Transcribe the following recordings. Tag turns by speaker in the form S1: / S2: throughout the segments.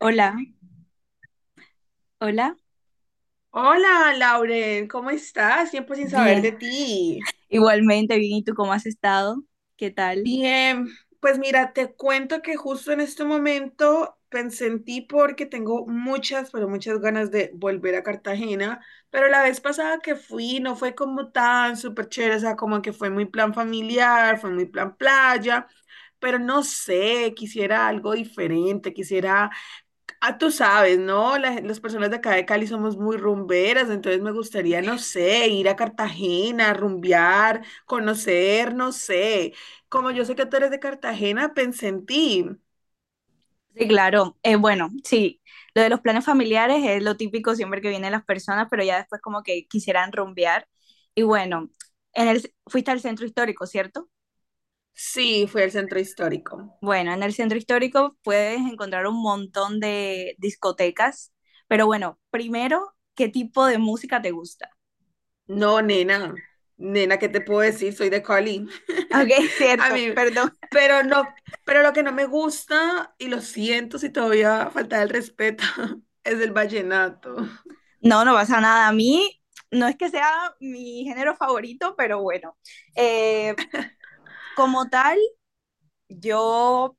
S1: Hola, hola.
S2: Hola, Lauren, ¿cómo estás? Tiempo sin saber
S1: Bien,
S2: de ti.
S1: igualmente bien. ¿Y tú cómo has estado? ¿Qué tal?
S2: Bien, pues mira, te cuento que justo en este momento pensé en ti porque tengo muchas, pero muchas ganas de volver a Cartagena, pero la vez pasada que fui no fue como tan súper chévere, o sea, como que fue muy plan familiar, fue muy plan playa, pero no sé, quisiera algo diferente, quisiera. Ah, tú sabes, ¿no? Las personas de acá de Cali somos muy rumberas, entonces me gustaría, no sé, ir a Cartagena, rumbear, conocer, no sé. Como yo sé que tú eres de Cartagena, pensé en ti.
S1: Sí, claro. Bueno, sí, lo de los planes familiares es lo típico siempre que vienen las personas, pero ya después como que quisieran rumbear. Y bueno, fuiste al centro histórico, ¿cierto?
S2: Sí, fui al centro histórico.
S1: Bueno, en el centro histórico puedes encontrar un montón de discotecas, pero bueno, primero, ¿qué tipo de música te gusta?
S2: No, nena, nena, ¿qué te puedo decir? Soy de Cali.
S1: Ok,
S2: A
S1: cierto,
S2: mí,
S1: perdón.
S2: pero no, pero lo que no me gusta, y lo siento si todavía falta el respeto, es el vallenato.
S1: No, no pasa nada. A mí no es que sea mi género favorito, pero bueno, eh, como tal, yo,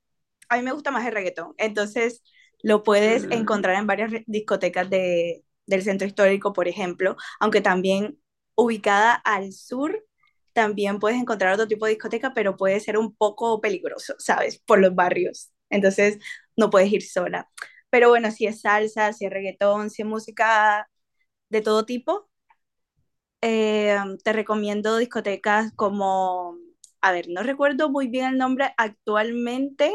S1: a mí me gusta más el reggaetón. Entonces, lo puedes
S2: Mm.
S1: encontrar en varias discotecas del centro histórico, por ejemplo, aunque también ubicada al sur, también puedes encontrar otro tipo de discoteca, pero puede ser un poco peligroso, ¿sabes? Por los barrios. Entonces, no puedes ir sola. Pero bueno, si es salsa, si es reggaetón, si es música de todo tipo, eh, te recomiendo discotecas como, a ver, no recuerdo muy bien el nombre actualmente,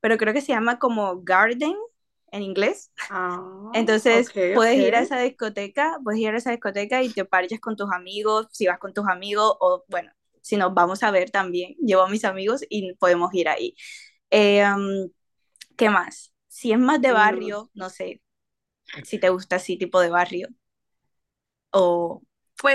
S1: pero creo que se llama como Garden en inglés.
S2: Ah, ok,
S1: Entonces
S2: ok.
S1: puedes ir a esa discoteca, puedes ir a esa discoteca y te parches con tus amigos, si vas con tus amigos o bueno, si nos vamos a ver también, llevo a mis amigos y podemos ir ahí. Eh, um, ¿Qué más? Si es más de
S2: No.
S1: barrio, no sé si te gusta así tipo de barrio o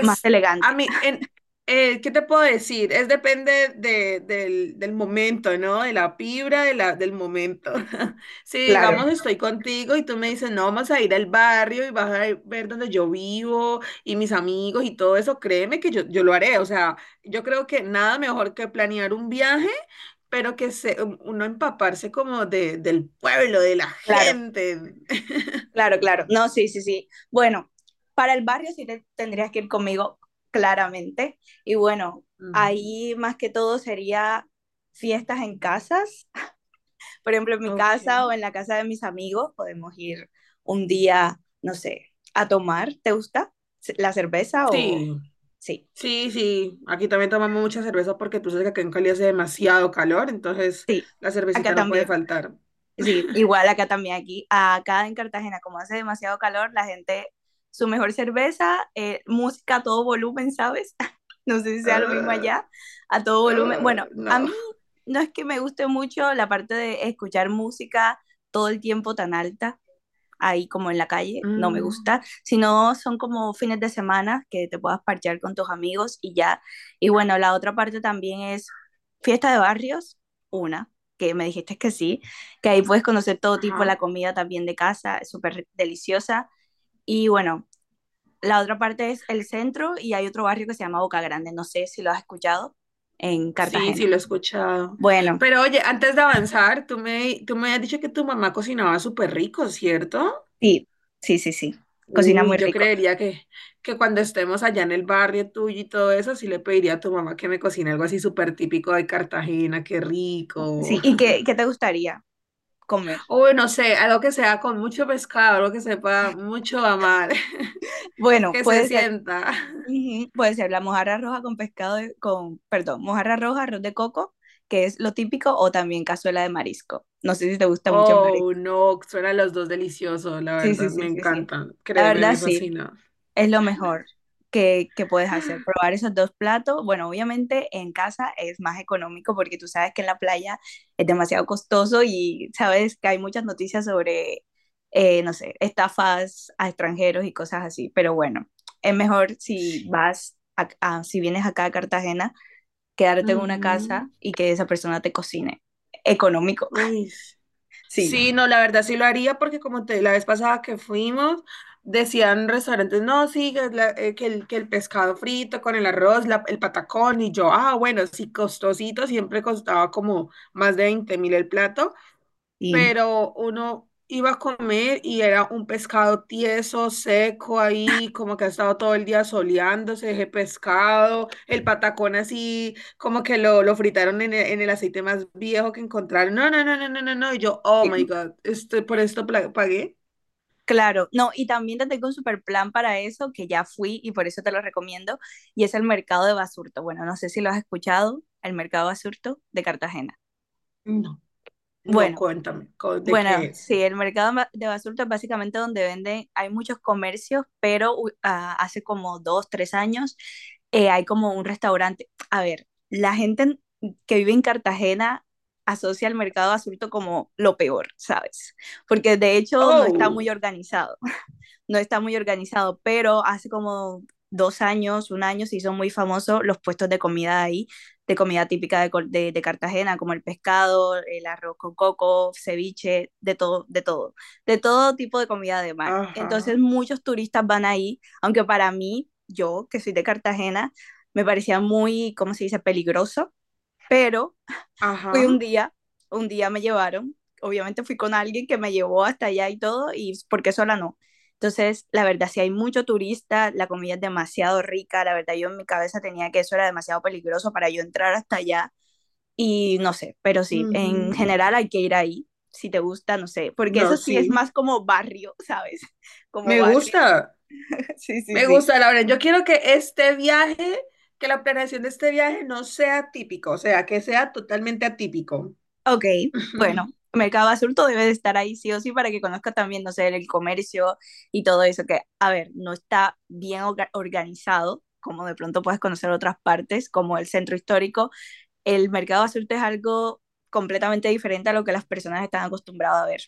S1: más
S2: a
S1: elegante.
S2: mí, ¿qué te puedo decir? Es depende del momento, ¿no? De la vibra de del momento. Si
S1: Claro,
S2: digamos estoy contigo y tú me dices, no, vamos a ir al barrio y vas a ver donde yo vivo y mis amigos y todo eso, créeme que yo lo haré. O sea, yo creo que nada mejor que planear un viaje. Pero que se, uno empaparse como del pueblo, de la
S1: claro.
S2: gente.
S1: Claro, claro. No, sí, sí, sí. Bueno, para el barrio sí te tendrías que ir conmigo, claramente. Y bueno,
S2: Ujú.
S1: ahí más que todo sería fiestas en casas. Por ejemplo, en mi
S2: Ok.
S1: casa o en la casa de mis amigos podemos ir un día, no sé, a tomar. ¿Te gusta la cerveza o...?
S2: Sí.
S1: Sí,
S2: Sí, sí, aquí también tomamos mucha cerveza porque tú sabes que acá en Cali hace demasiado calor, entonces la
S1: acá
S2: cervecita no puede
S1: también.
S2: faltar.
S1: Sí, igual acá también, aquí, acá en Cartagena, como hace demasiado calor, la gente, su mejor cerveza, música a todo volumen, ¿sabes? No sé si sea lo mismo
S2: Ah,
S1: allá, a todo volumen. Bueno,
S2: ah,
S1: a
S2: no.
S1: mí no es que me guste mucho la parte de escuchar música todo el tiempo tan alta, ahí como en la calle, no me
S2: Mm,
S1: gusta, sino son como fines de semana que te puedas parchear con tus amigos y ya. Y bueno, la otra parte también es fiesta de barrios, una, que me dijiste que sí, que ahí puedes conocer todo tipo, la
S2: ajá.
S1: comida también de casa, es súper deliciosa. Y bueno, la otra parte es el centro y hay otro barrio que se llama Boca Grande, no sé si lo has escuchado, en
S2: Sí, sí, lo he
S1: Cartagena.
S2: escuchado.
S1: Bueno,
S2: Pero oye, antes de avanzar, tú me has dicho que tu mamá cocinaba súper rico, ¿cierto?
S1: sí, sí, sí, sí, cocina muy
S2: Uy, yo
S1: rico.
S2: creería que cuando estemos allá en el barrio tuyo y todo eso, sí le pediría a tu mamá que me cocine algo así súper típico de Cartagena, qué rico.
S1: Sí, ¿y qué, qué te gustaría comer?
S2: Uy, no sé, algo que sea con mucho pescado, algo que sepa mucho a mar,
S1: Bueno,
S2: que se
S1: puede ser,
S2: sienta.
S1: ujú, puede ser la mojarra roja con perdón, mojarra roja, arroz de coco, que es lo típico, o también cazuela de marisco. No sé si te gusta mucho el
S2: Oh,
S1: marisco.
S2: no, suenan los dos deliciosos, la
S1: Sí, sí,
S2: verdad, me
S1: sí, sí, sí.
S2: encantan,
S1: La
S2: créeme,
S1: verdad,
S2: me
S1: sí.
S2: fascina.
S1: Es lo mejor que puedes hacer, probar esos dos platos. Bueno, obviamente en casa es más económico porque tú sabes que en la playa es demasiado costoso y sabes que hay muchas noticias sobre, no sé, estafas a extranjeros y cosas así. Pero bueno, es mejor si vas, si vienes acá a Cartagena, quedarte en una
S2: Ujú.
S1: casa y que esa persona te cocine. Económico,
S2: Uy. S-
S1: sí.
S2: Sí, no, la verdad sí lo haría porque como te, la vez pasada que fuimos, decían restaurantes, no, sí, que que el pescado frito con el arroz, el patacón, y yo, ah, bueno, sí, costosito, siempre costaba como más de 20.000 el plato,
S1: Sí,
S2: pero uno iba a comer y era un pescado tieso, seco ahí, como que ha estado todo el día soleándose ese pescado, el patacón así, como que lo fritaron en el aceite más viejo que encontraron. No, no, no, no, no, no, no. Y yo, oh
S1: sí.
S2: my God, ¿esto, por esto pagué?
S1: Claro, no, y también te tengo un super plan para eso, que ya fui y por eso te lo recomiendo, y es el mercado de Basurto. Bueno, no sé si lo has escuchado, el mercado Basurto de Cartagena.
S2: No, no,
S1: Bueno,
S2: cuéntame, co- ¿de qué
S1: bueno,
S2: es?
S1: sí, el mercado de Basurto es básicamente donde venden, hay muchos comercios, pero hace como dos, tres años hay como un restaurante. A ver, la gente que vive en Cartagena asocia el mercado Basurto como lo peor, ¿sabes? Porque de hecho
S2: Oh,
S1: no está muy organizado, pero hace como dos años, un año, se hizo muy famoso los puestos de comida ahí, de comida típica de Cartagena, como el pescado, el arroz con coco, ceviche, de todo tipo de comida de mar. Entonces
S2: ajá,
S1: muchos turistas van ahí, aunque para mí, yo que soy de Cartagena, me parecía muy, ¿cómo se dice?, peligroso, pero fui
S2: ajá,
S1: un día me llevaron, obviamente fui con alguien que me llevó hasta allá y todo, y porque sola no. Entonces, la verdad, si hay mucho turista, la comida es demasiado rica, la verdad, yo en mi cabeza tenía que eso era demasiado peligroso para yo entrar hasta allá, y no sé, pero sí, en
S2: ujú.
S1: general hay que ir ahí, si te gusta, no sé, porque
S2: No,
S1: eso sí
S2: sí,
S1: es más como barrio, ¿sabes? Como
S2: me
S1: barrio,
S2: gusta.
S1: sí, sí,
S2: Me
S1: sí.
S2: gusta, Lauren. Yo quiero que este viaje, que la planeación de este viaje no sea típico, o sea, que sea totalmente atípico.
S1: Ok, mercado adulto debe de estar ahí sí o sí para que conozca también, no sé, el comercio y todo eso, que, a ver, no está bien organizado, como de pronto puedes conocer otras partes, como el centro histórico. El mercado adulto es algo completamente diferente a lo que las personas están acostumbradas a ver.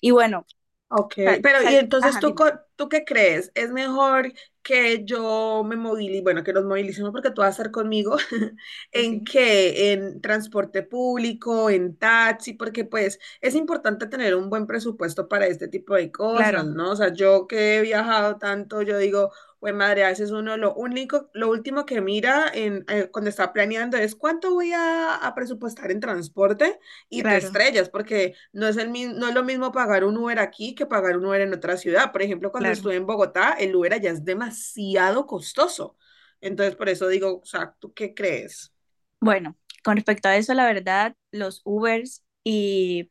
S1: Y bueno,
S2: Ok, pero y entonces
S1: ajá,
S2: tú,
S1: dime.
S2: co- ¿tú qué crees? ¿Es mejor que yo me movilice, bueno, que nos movilicemos porque tú vas a estar conmigo,
S1: Sí,
S2: ¿en
S1: sí.
S2: qué? ¿En transporte público, en taxi? Porque pues es importante tener un buen presupuesto para este tipo de cosas,
S1: Claro,
S2: ¿no? O sea, yo que he viajado tanto, yo digo, güey, madre, a veces uno lo único, lo último que mira cuando está planeando es cuánto a presupuestar en transporte y te
S1: claro,
S2: estrellas, porque no es lo mismo pagar un Uber aquí que pagar un Uber en otra ciudad. Por ejemplo, cuando
S1: claro.
S2: estuve en Bogotá, el Uber allá es demasiado costoso. Entonces, por eso digo, o sea, ¿tú qué crees?
S1: Bueno, con respecto a eso, la verdad, los Ubers y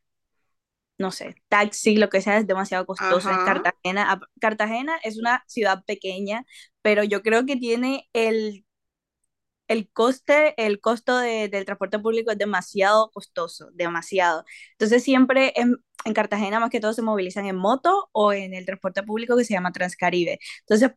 S1: no sé, taxi, lo que sea, es demasiado costoso en
S2: Ajá.
S1: Cartagena. Cartagena es una ciudad pequeña, pero yo creo que tiene el coste, el del transporte público es demasiado costoso, demasiado. Entonces siempre en Cartagena más que todo se movilizan en moto o en el transporte público que se llama Transcaribe. Entonces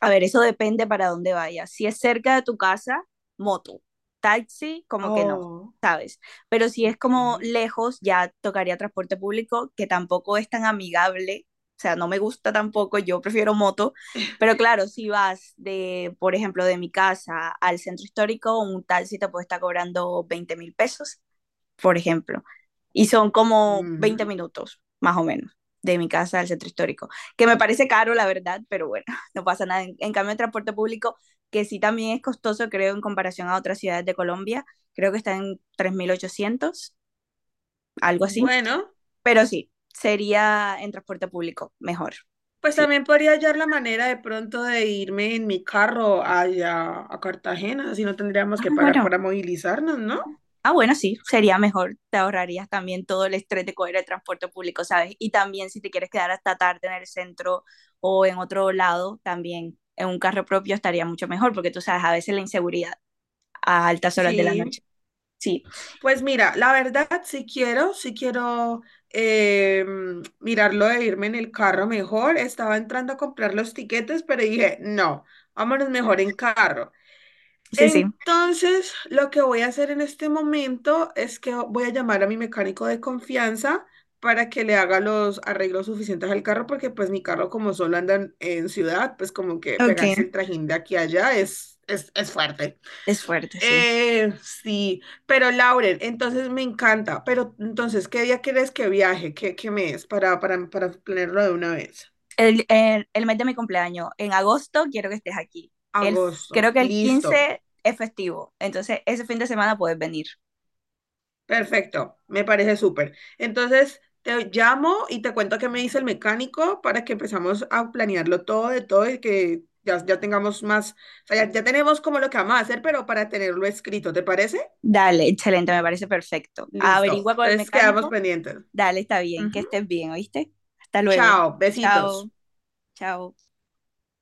S1: a ver, eso depende para dónde vayas. Si es cerca de tu casa, moto. Taxi, como que no,
S2: Oh,
S1: ¿sabes? Pero si es
S2: ok.
S1: como lejos, ya tocaría transporte público, que tampoco es tan amigable. O sea, no me gusta tampoco, yo prefiero moto. Pero claro, si vas de, por ejemplo, de mi casa al centro histórico, un taxi te puede estar cobrando 20.000 pesos por ejemplo, y son como 20
S2: Mm.
S1: minutos, más o menos, de mi casa al centro histórico, que me parece caro, la verdad, pero bueno, no pasa nada. En cambio, el transporte público, que sí también es costoso, creo, en comparación a otras ciudades de Colombia, creo que está en 3.800 algo así,
S2: Bueno,
S1: pero sí, sería en transporte público mejor.
S2: pues
S1: Sí.
S2: también podría hallar la manera de pronto de irme en mi carro allá a Cartagena, así no tendríamos
S1: Ah,
S2: que pagar
S1: bueno,
S2: para movilizarnos, ¿no?
S1: Ah, bueno, sí, sería mejor. Te ahorrarías también todo el estrés de coger el transporte público, ¿sabes? Y también si te quieres quedar hasta tarde en el centro o en otro lado, también en un carro propio estaría mucho mejor, porque tú sabes, a veces la inseguridad a altas horas de la
S2: Sí,
S1: noche. Sí,
S2: pues mira, la verdad, si quiero eh, mirarlo de irme en el carro mejor. Estaba entrando a comprar los tiquetes, pero dije, no, vámonos mejor en carro.
S1: sí, sí.
S2: Entonces, lo que voy a hacer en este momento es que voy a llamar a mi mecánico de confianza para que le haga los arreglos suficientes al carro, porque pues mi carro como solo anda en ciudad, pues como que
S1: Ok.
S2: pegarse el trajín de aquí a allá es fuerte.
S1: Es fuerte, sí.
S2: Sí, pero Lauren, entonces me encanta, pero entonces, ¿qué día quieres que viaje? ¿Qué mes? Para planearlo de una vez.
S1: El mes de mi cumpleaños, en agosto quiero que estés aquí. El,
S2: Agosto,
S1: creo que el
S2: listo,
S1: 15 es festivo, entonces ese fin de semana puedes venir.
S2: perfecto, me parece súper. Entonces, te llamo y te cuento qué me dice el mecánico para que empezamos a planearlo todo de todo y que ya tengamos más, o sea, ya tenemos como lo que vamos a hacer, pero para tenerlo escrito, ¿te parece?
S1: Dale, excelente, me parece perfecto.
S2: Listo,
S1: Averigua con el
S2: entonces quedamos
S1: mecánico.
S2: pendientes.
S1: Dale, está bien, que
S2: Ujú.
S1: estés bien, ¿oíste? Hasta luego.
S2: Chao, besitos.
S1: Chao, chao.